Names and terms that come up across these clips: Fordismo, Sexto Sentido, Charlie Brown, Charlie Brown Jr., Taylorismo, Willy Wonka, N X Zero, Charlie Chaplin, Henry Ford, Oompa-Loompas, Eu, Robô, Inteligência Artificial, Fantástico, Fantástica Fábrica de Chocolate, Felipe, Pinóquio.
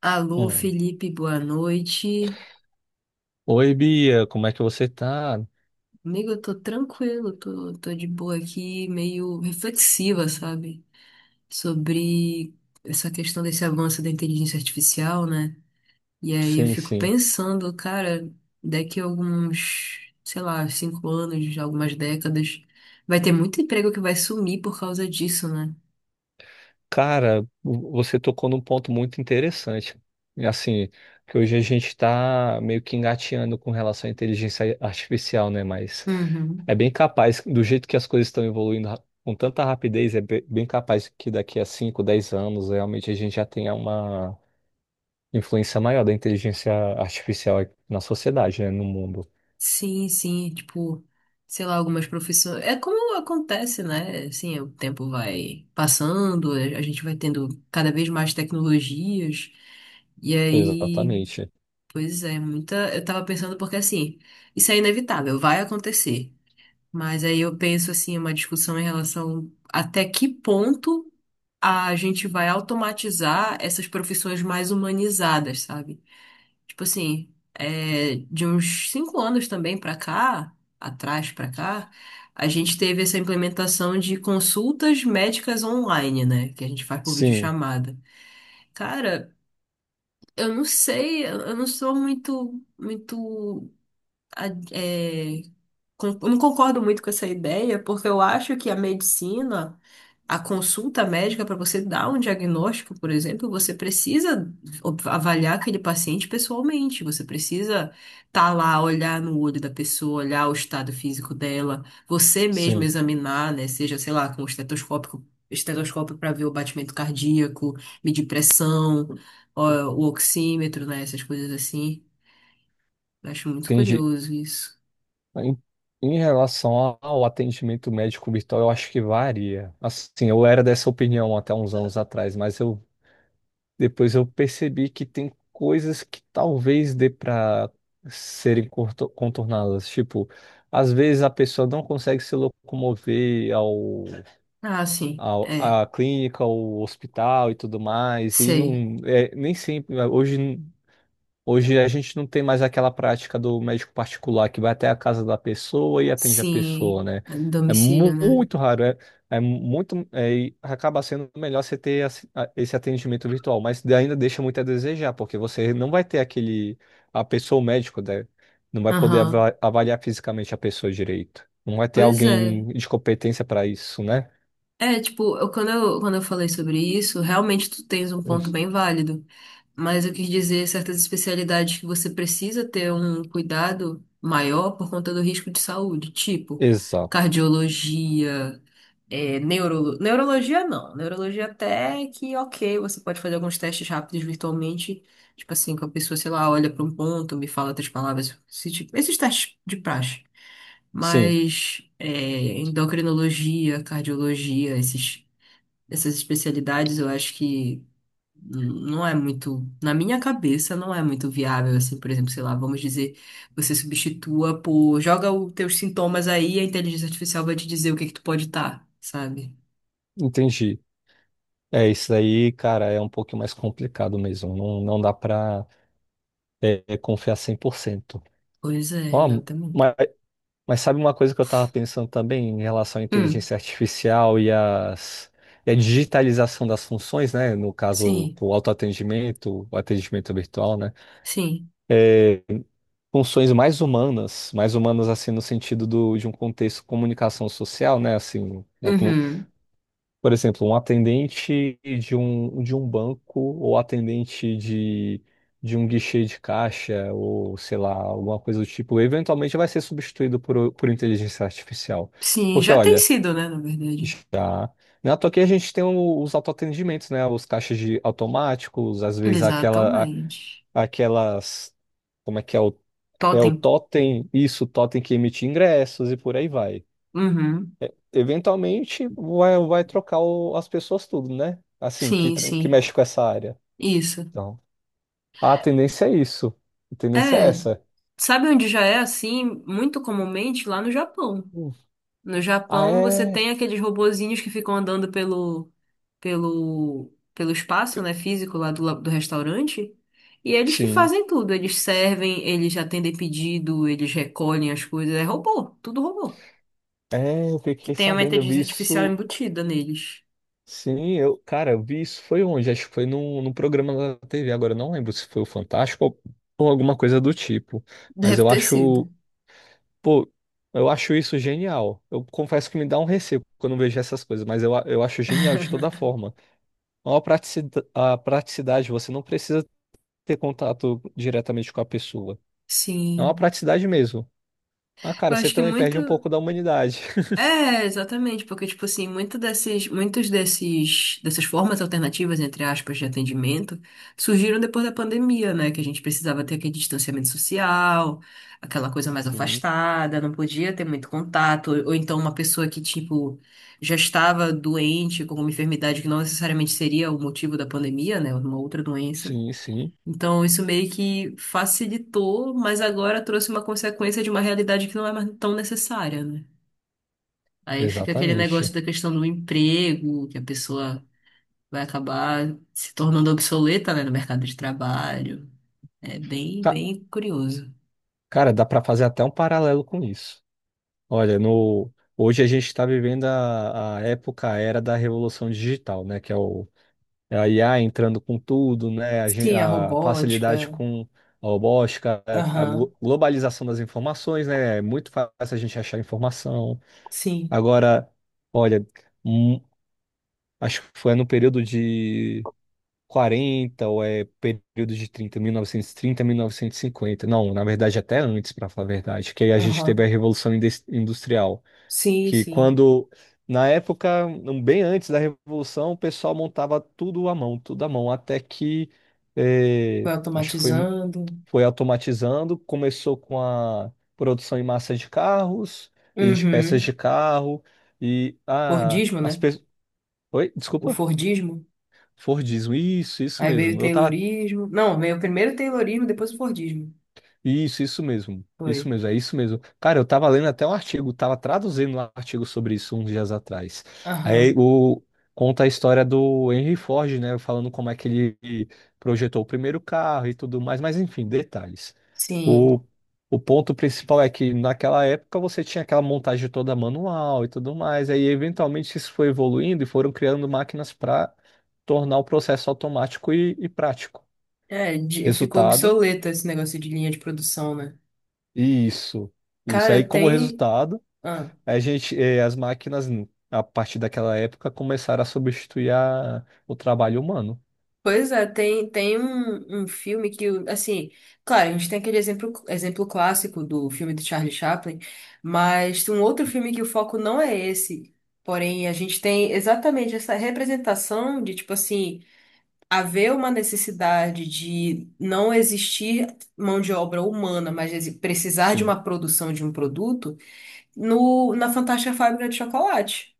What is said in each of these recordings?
Alô, Hum. Felipe, boa noite. Oi, Bia, como é que você tá? Amigo, eu tô tranquilo, tô de boa aqui, meio reflexiva, sabe? Sobre essa questão desse avanço da inteligência artificial, né? E aí eu Sim, fico sim. pensando, cara, daqui a alguns, sei lá, 5 anos, algumas décadas, vai ter muito emprego que vai sumir por causa disso, né? Cara, você tocou num ponto muito interessante. E, assim, que hoje a gente tá meio que engatinhando com relação à inteligência artificial, né? Mas Uhum. é bem capaz, do jeito que as coisas estão evoluindo com tanta rapidez, é bem capaz que daqui a 5, 10 anos realmente a gente já tenha uma influência maior da inteligência artificial na sociedade, né? No mundo. Sim, sim, tipo, sei lá, algumas profissões. É como acontece, né? Assim, o tempo vai passando, a gente vai tendo cada vez mais tecnologias. E aí, Exatamente. pois é, muita. Eu tava pensando porque assim, isso é inevitável, vai acontecer. Mas aí eu penso assim, uma discussão em relação até que ponto a gente vai automatizar essas profissões mais humanizadas, sabe? Tipo assim, é, de uns 5 anos também pra cá, atrás pra cá, a gente teve essa implementação de consultas médicas online, né? Que a gente faz por Sim, videochamada. Cara, eu não sei, eu não sou muito, muito a- é, eu não concordo muito com essa ideia, porque eu acho que a medicina, a consulta médica para você dar um diagnóstico, por exemplo, você precisa avaliar aquele paciente pessoalmente, você precisa estar lá, olhar no olho da pessoa, olhar o estado físico dela, você mesmo sim. examinar, né, seja, sei lá, com o estetoscópio, para ver o batimento cardíaco, medir pressão, ó, o oxímetro, né, essas coisas assim. Eu acho muito Entendi. curioso isso. Em, em relação ao atendimento médico virtual, eu acho que varia. Assim, eu era dessa opinião até uns anos atrás, mas eu depois eu percebi que tem coisas que talvez dê para serem contornadas. Tipo, às vezes a pessoa não consegue se locomover ao, Ah, sim. ao É. à clínica, ao hospital e tudo mais, e não Sei. é, nem sempre hoje. Hoje a gente não tem mais aquela prática do médico particular que vai até a casa da pessoa e atende a pessoa, Sim. né? É, É domicílio, né? muito raro, é muito, e acaba sendo melhor você ter esse atendimento virtual, mas ainda deixa muito a desejar, porque você não vai ter aquele, a pessoa, o médico, né? Não vai poder Aham. Avaliar fisicamente a pessoa direito. Não vai ter Pois é. alguém de competência para isso, né? É, tipo, quando eu falei sobre isso, realmente tu tens um ponto bem válido. Mas eu quis dizer certas especialidades que você precisa ter um cuidado maior por conta do risco de saúde, tipo Exato. cardiologia. É, neurologia não. Neurologia até que ok, você pode fazer alguns testes rápidos virtualmente. Tipo assim, que a pessoa, sei lá, olha para um ponto, me fala 3 palavras. Esses testes de praxe. Sim, Mas é, endocrinologia, cardiologia, esses, essas especialidades, eu acho que não é muito, na minha cabeça, não é muito viável, assim, por exemplo, sei lá, vamos dizer, você substitua por, joga os teus sintomas aí, a inteligência artificial vai te dizer o que que tu pode estar, sabe? entendi. É, isso aí, cara, é um pouquinho mais complicado mesmo. Não, não dá para confiar 100%. Pois é, Ó, exatamente. mas, mas sabe uma coisa que eu estava pensando também em relação à Hum, inteligência artificial e a digitalização das funções, né? No caso, sim, o autoatendimento, o atendimento virtual, né? sim. É, funções mais humanas assim no sentido de um contexto de comunicação social, né? Assim, ou Uhum. por exemplo, um atendente de um banco ou atendente de um guichê de caixa ou, sei lá, alguma coisa do tipo, eventualmente vai ser substituído por inteligência artificial. Sim, Porque, já tem olha, sido, né, na verdade. já... Na toa aqui a gente tem os autoatendimentos, né? Os caixas de automáticos, às vezes a- Exatamente. aquelas... Como é que é o Totem. totem? Isso, o totem que emite ingressos e por aí vai Uhum. eventualmente vai trocar as pessoas tudo, né? Assim, que, Sim, tra- que sim. mexe com essa área. Isso. Então, a tendência é isso. A tendência é É, essa. sabe onde já é assim, muito comumente? Lá no Japão. Hum. No Ah, Japão, você é? tem aqueles robozinhos que ficam andando pelo espaço, né, físico lá do, do restaurante. E eles que Sim. fazem tudo. Eles servem, eles atendem pedido, eles recolhem as coisas. É robô, tudo robô. É, eu Que fiquei tem uma sabendo, eu inteligência vi artificial isso. embutida neles. Sim, eu, cara, eu vi isso foi onde? Acho que foi num programa da TV. Agora eu não lembro se foi o Fantástico ou alguma coisa do tipo. Mas Deve eu ter sido. acho, pô, eu acho isso genial. Eu confesso que me dá um receio quando eu vejo essas coisas, mas eu, eu acho genial de toda forma. Ó, a praticidade, você não precisa ter contato diretamente com a pessoa. É uma Sim. praticidade mesmo. Ah, cara, Eu você acho que também muito. perde um pouco da humanidade. É, exatamente, porque, tipo assim, muitos desses, dessas formas alternativas, entre aspas, de atendimento, surgiram depois da pandemia, né? Que a gente precisava ter aquele distanciamento social, aquela coisa mais Sim, afastada, não podia ter muito contato, ou então uma pessoa que, tipo, já estava doente com uma enfermidade que não necessariamente seria o motivo da pandemia, né? Uma outra doença. sim, sim, Então, isso meio que facilitou, mas agora trouxe uma consequência de uma realidade que não é mais tão necessária, né? Aí fica aquele exatamente. negócio da questão do emprego, que a pessoa vai acabar se tornando obsoleta, né, no mercado de trabalho. É bem, Ca- bem curioso. Cara, dá pra fazer até um paralelo com isso. Olha, no hoje a gente está vivendo a época, a era da revolução digital, né? Que é o é a IA entrando com tudo, né? A, gen- Sim, a a facilidade robótica. com a robótica, a Aham. Globalização das informações, né? É muito fácil a gente achar informação. Sim. Agora, olha, hum, acho que foi no período de 40 ou período de trinta trinta mil mil novecentos e trinta, 1950. Não, na verdade até antes, para falar a verdade, que aí a gente teve Aham. a Revolução Industrial, Sim, que sim. quando na época, um, bem antes da Revolução, o pessoal montava tudo à mão, até que Foi acho que foi automatizando. foi automatizando, começou com a produção em massa de carros e de peças Uhum. de carro e ah, Fordismo, as né? pessoas. Oi, O desculpa. Fordismo. Fordismo, isso Aí veio o mesmo. Eu tava Taylorismo. Não, veio primeiro o Taylorismo, depois o Fordismo. Isso, isso mesmo. Isso Foi. mesmo, é isso mesmo. Cara, eu tava lendo até um artigo, tava traduzindo um artigo sobre isso uns dias atrás. Aí Aham, o conta a história do Henry Ford, né, falando como é que ele projetou o primeiro carro e tudo mais, mas enfim, detalhes. sim. O, o ponto principal é que naquela época você tinha aquela montagem toda manual e tudo mais, aí eventualmente isso foi evoluindo e foram criando máquinas para tornar o processo automático e prático. É, ficou Resultado obsoleto esse negócio de linha de produção, né? Isso, isso. Cara, Aí, como tem. resultado, Ah, as máquinas, a partir daquela época, começaram a substituir o trabalho humano. pois é, tem, tem um, um filme que, assim, claro, a gente tem aquele exemplo, exemplo clássico do filme do Charlie Chaplin, mas tem um outro filme que o foco não é esse. Porém, a gente tem exatamente essa representação de, tipo assim, haver uma necessidade de não existir mão de obra humana, mas precisar de Sim. uma produção de um produto. No, na Fantástica Fábrica de Chocolate.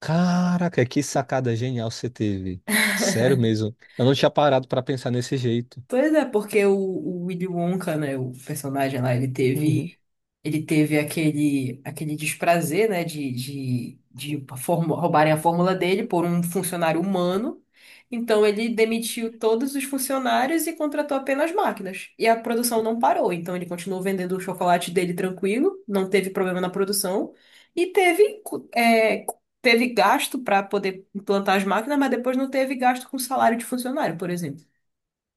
Caraca, que sacada genial você teve. Sério mesmo. Eu não tinha parado para pensar nesse jeito. Pois é, porque o Willy Wonka, né, o personagem lá, Uhum. Ele teve aquele, aquele desprazer, né, de roubarem a fórmula dele por um funcionário humano. Então ele demitiu todos os funcionários e contratou apenas máquinas. E a produção não parou, então ele continuou vendendo o chocolate dele tranquilo, não teve problema na produção e teve, teve gasto para poder implantar as máquinas, mas depois não teve gasto com salário de funcionário, por exemplo.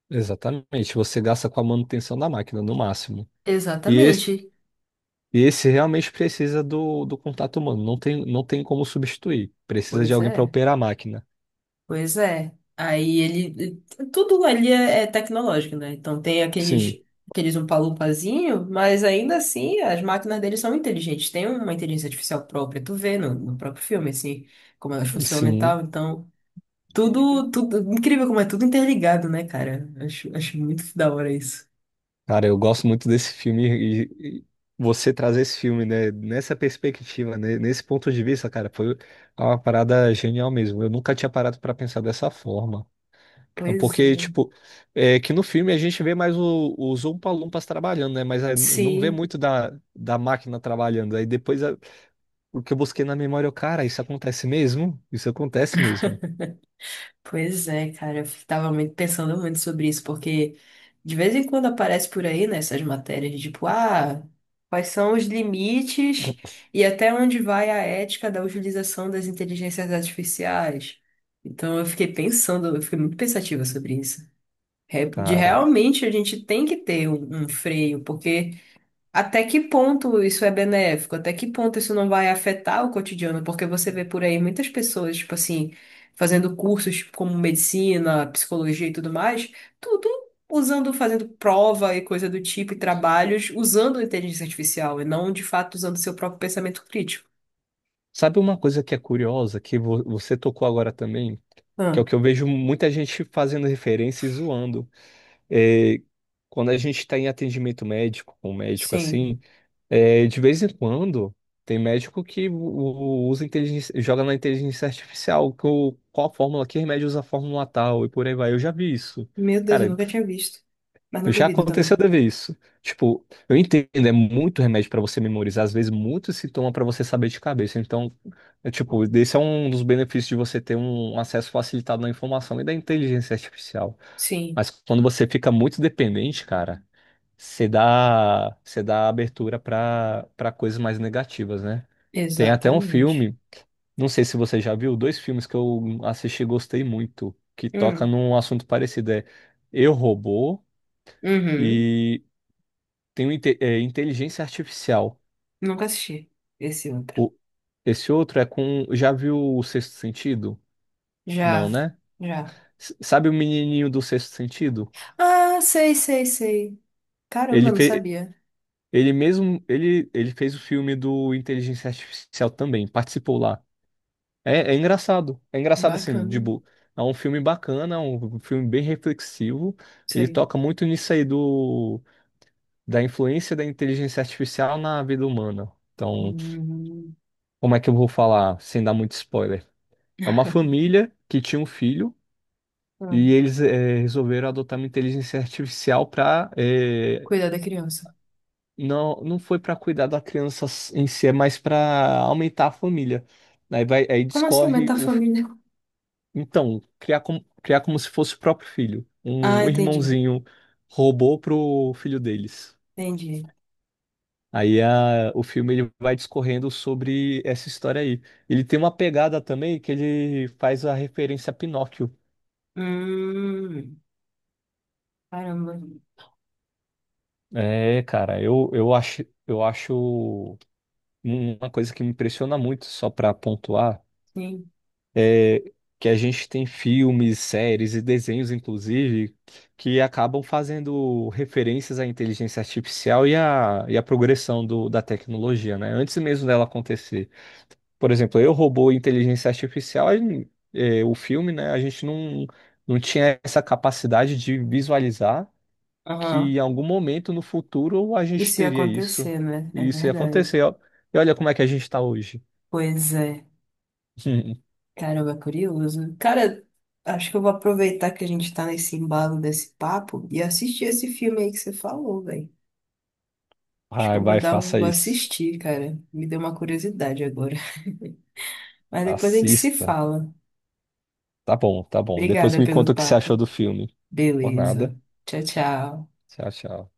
Exatamente. Você gasta com a manutenção da máquina, no máximo. E esse, Exatamente. e esse realmente precisa do contato humano. Não tem, não tem como substituir. Precisa de Pois alguém para é, operar a máquina. pois é. Aí ele. Tudo ali é, é tecnológico, né? Então tem Sim, aqueles, aqueles umpalumpazinho, mas ainda assim as máquinas deles são inteligentes. Tem uma inteligência artificial própria, tu vê no, no próprio filme, assim, como elas funcionam e tal. sim. Então, tudo, tudo. Incrível como é tudo interligado, né, cara? Acho, acho muito da hora isso. Cara, eu gosto muito desse filme e você trazer esse filme, né, nessa perspectiva, né, nesse ponto de vista, cara, foi uma parada genial mesmo. Eu nunca tinha parado pra pensar dessa forma. Pois Porque, é. tipo, é que no filme a gente vê mais o, os Oompa-Loompas trabalhando, né? Mas é, não vê Sim. muito da, da máquina trabalhando. Aí depois o que eu busquei na memória, eu, cara, isso acontece mesmo? Isso acontece mesmo. Pois é, cara, eu tava muito pensando muito sobre isso, porque de vez em quando aparece por aí nessas matérias, de tipo, ah, quais são os limites e até onde vai a ética da utilização das inteligências artificiais. Então eu fiquei pensando, eu fiquei muito pensativa sobre isso. É, de Cara, realmente a gente tem que ter um, um freio, porque até que ponto isso é benéfico? Até que ponto isso não vai afetar o cotidiano? Porque você vê por aí muitas pessoas, tipo assim, fazendo cursos tipo, como medicina, psicologia e tudo mais, tudo usando, fazendo prova e coisa do tipo, e trabalhos usando a inteligência artificial e não de fato usando seu próprio pensamento crítico. sabe uma coisa que é curiosa, que você tocou agora também? Que é Ah, o que eu vejo muita gente fazendo referência e zoando. É, quando a gente está em atendimento médico, com um médico sim. assim, de vez em quando tem médico que usa inteligência, joga na inteligência artificial que o qual a fórmula, que remédio usa a fórmula tal e por aí vai. Eu já vi isso. Meu Deus, eu Cara, nunca tinha visto. Mas não já duvido aconteceu também. de ver isso. Tipo, eu entendo, é muito remédio pra você memorizar, às vezes muito se toma pra você saber de cabeça. Então, é tipo, esse é um dos benefícios de você ter um acesso facilitado à informação e da inteligência artificial. Sim, Mas quando você fica muito dependente, cara, você dá abertura pra para coisas mais negativas, né? Tem até um exatamente. filme, não sei se você já viu, dois filmes que eu assisti e gostei muito, que toca Hum, num assunto parecido, é Eu, Robô uhum. e tem inteligência artificial. Nunca assisti esse outro. O- Esse outro é com. Já viu o Sexto Sentido? Não, Já, né? já. Sabe o menininho do Sexto Sentido? Ah, sei, sei, sei. Caramba, Ele não fe... sabia. ele mesmo ele, ele fez o filme do Inteligência Artificial também, participou lá. É engraçado. É engraçado assim, Bacana. É um filme bacana, é um filme bem reflexivo. Ele Sei. toca muito nisso aí do da influência da inteligência artificial na vida humana. Então, Hum, como é que eu vou falar sem dar muito spoiler? É uma família que tinha um filho hum, e hum. eles resolveram adotar uma inteligência artificial para. Cuidar da criança. Não, não foi para cuidar da criança em si, é mais para aumentar a família. Aí vai aí Como assim discorre aumentar a o fi- família? então criar como se fosse o próprio filho, um Ah, um entendi. irmãozinho robô pro filho deles. Entendi. Aí a, o filme ele vai discorrendo sobre essa história aí. Ele tem uma pegada também que ele faz a referência a Pinóquio. Hum, caramba. É, cara, uma coisa que me impressiona muito, só para pontuar, Sim. é que a gente tem filmes, séries e desenhos, inclusive, que acabam fazendo referências à inteligência artificial e à progressão da tecnologia, né? Antes mesmo dela acontecer. Por exemplo, Eu, Robô e Inteligência Artificial, o filme, né? A gente não, não tinha essa capacidade de visualizar que Aham. em algum momento no futuro a gente Isso ia teria isso. acontecer, né? É E isso ia verdade. acontecer. Ó. E olha como é que a gente está hoje. Pois é. Caramba, é curioso. Cara, acho que eu vou aproveitar que a gente tá nesse embalo desse papo e assistir esse filme aí que você falou, velho. Acho que Vai, eu vou vai, dar, um, faça vou isso. assistir, cara. Me deu uma curiosidade agora. Mas depois a gente se Assista. fala. Tá bom, tá bom. Depois Obrigada me pelo conta o que você achou papo. do filme. Por Beleza. nada. Tchau, tchau. Tchau, tchau.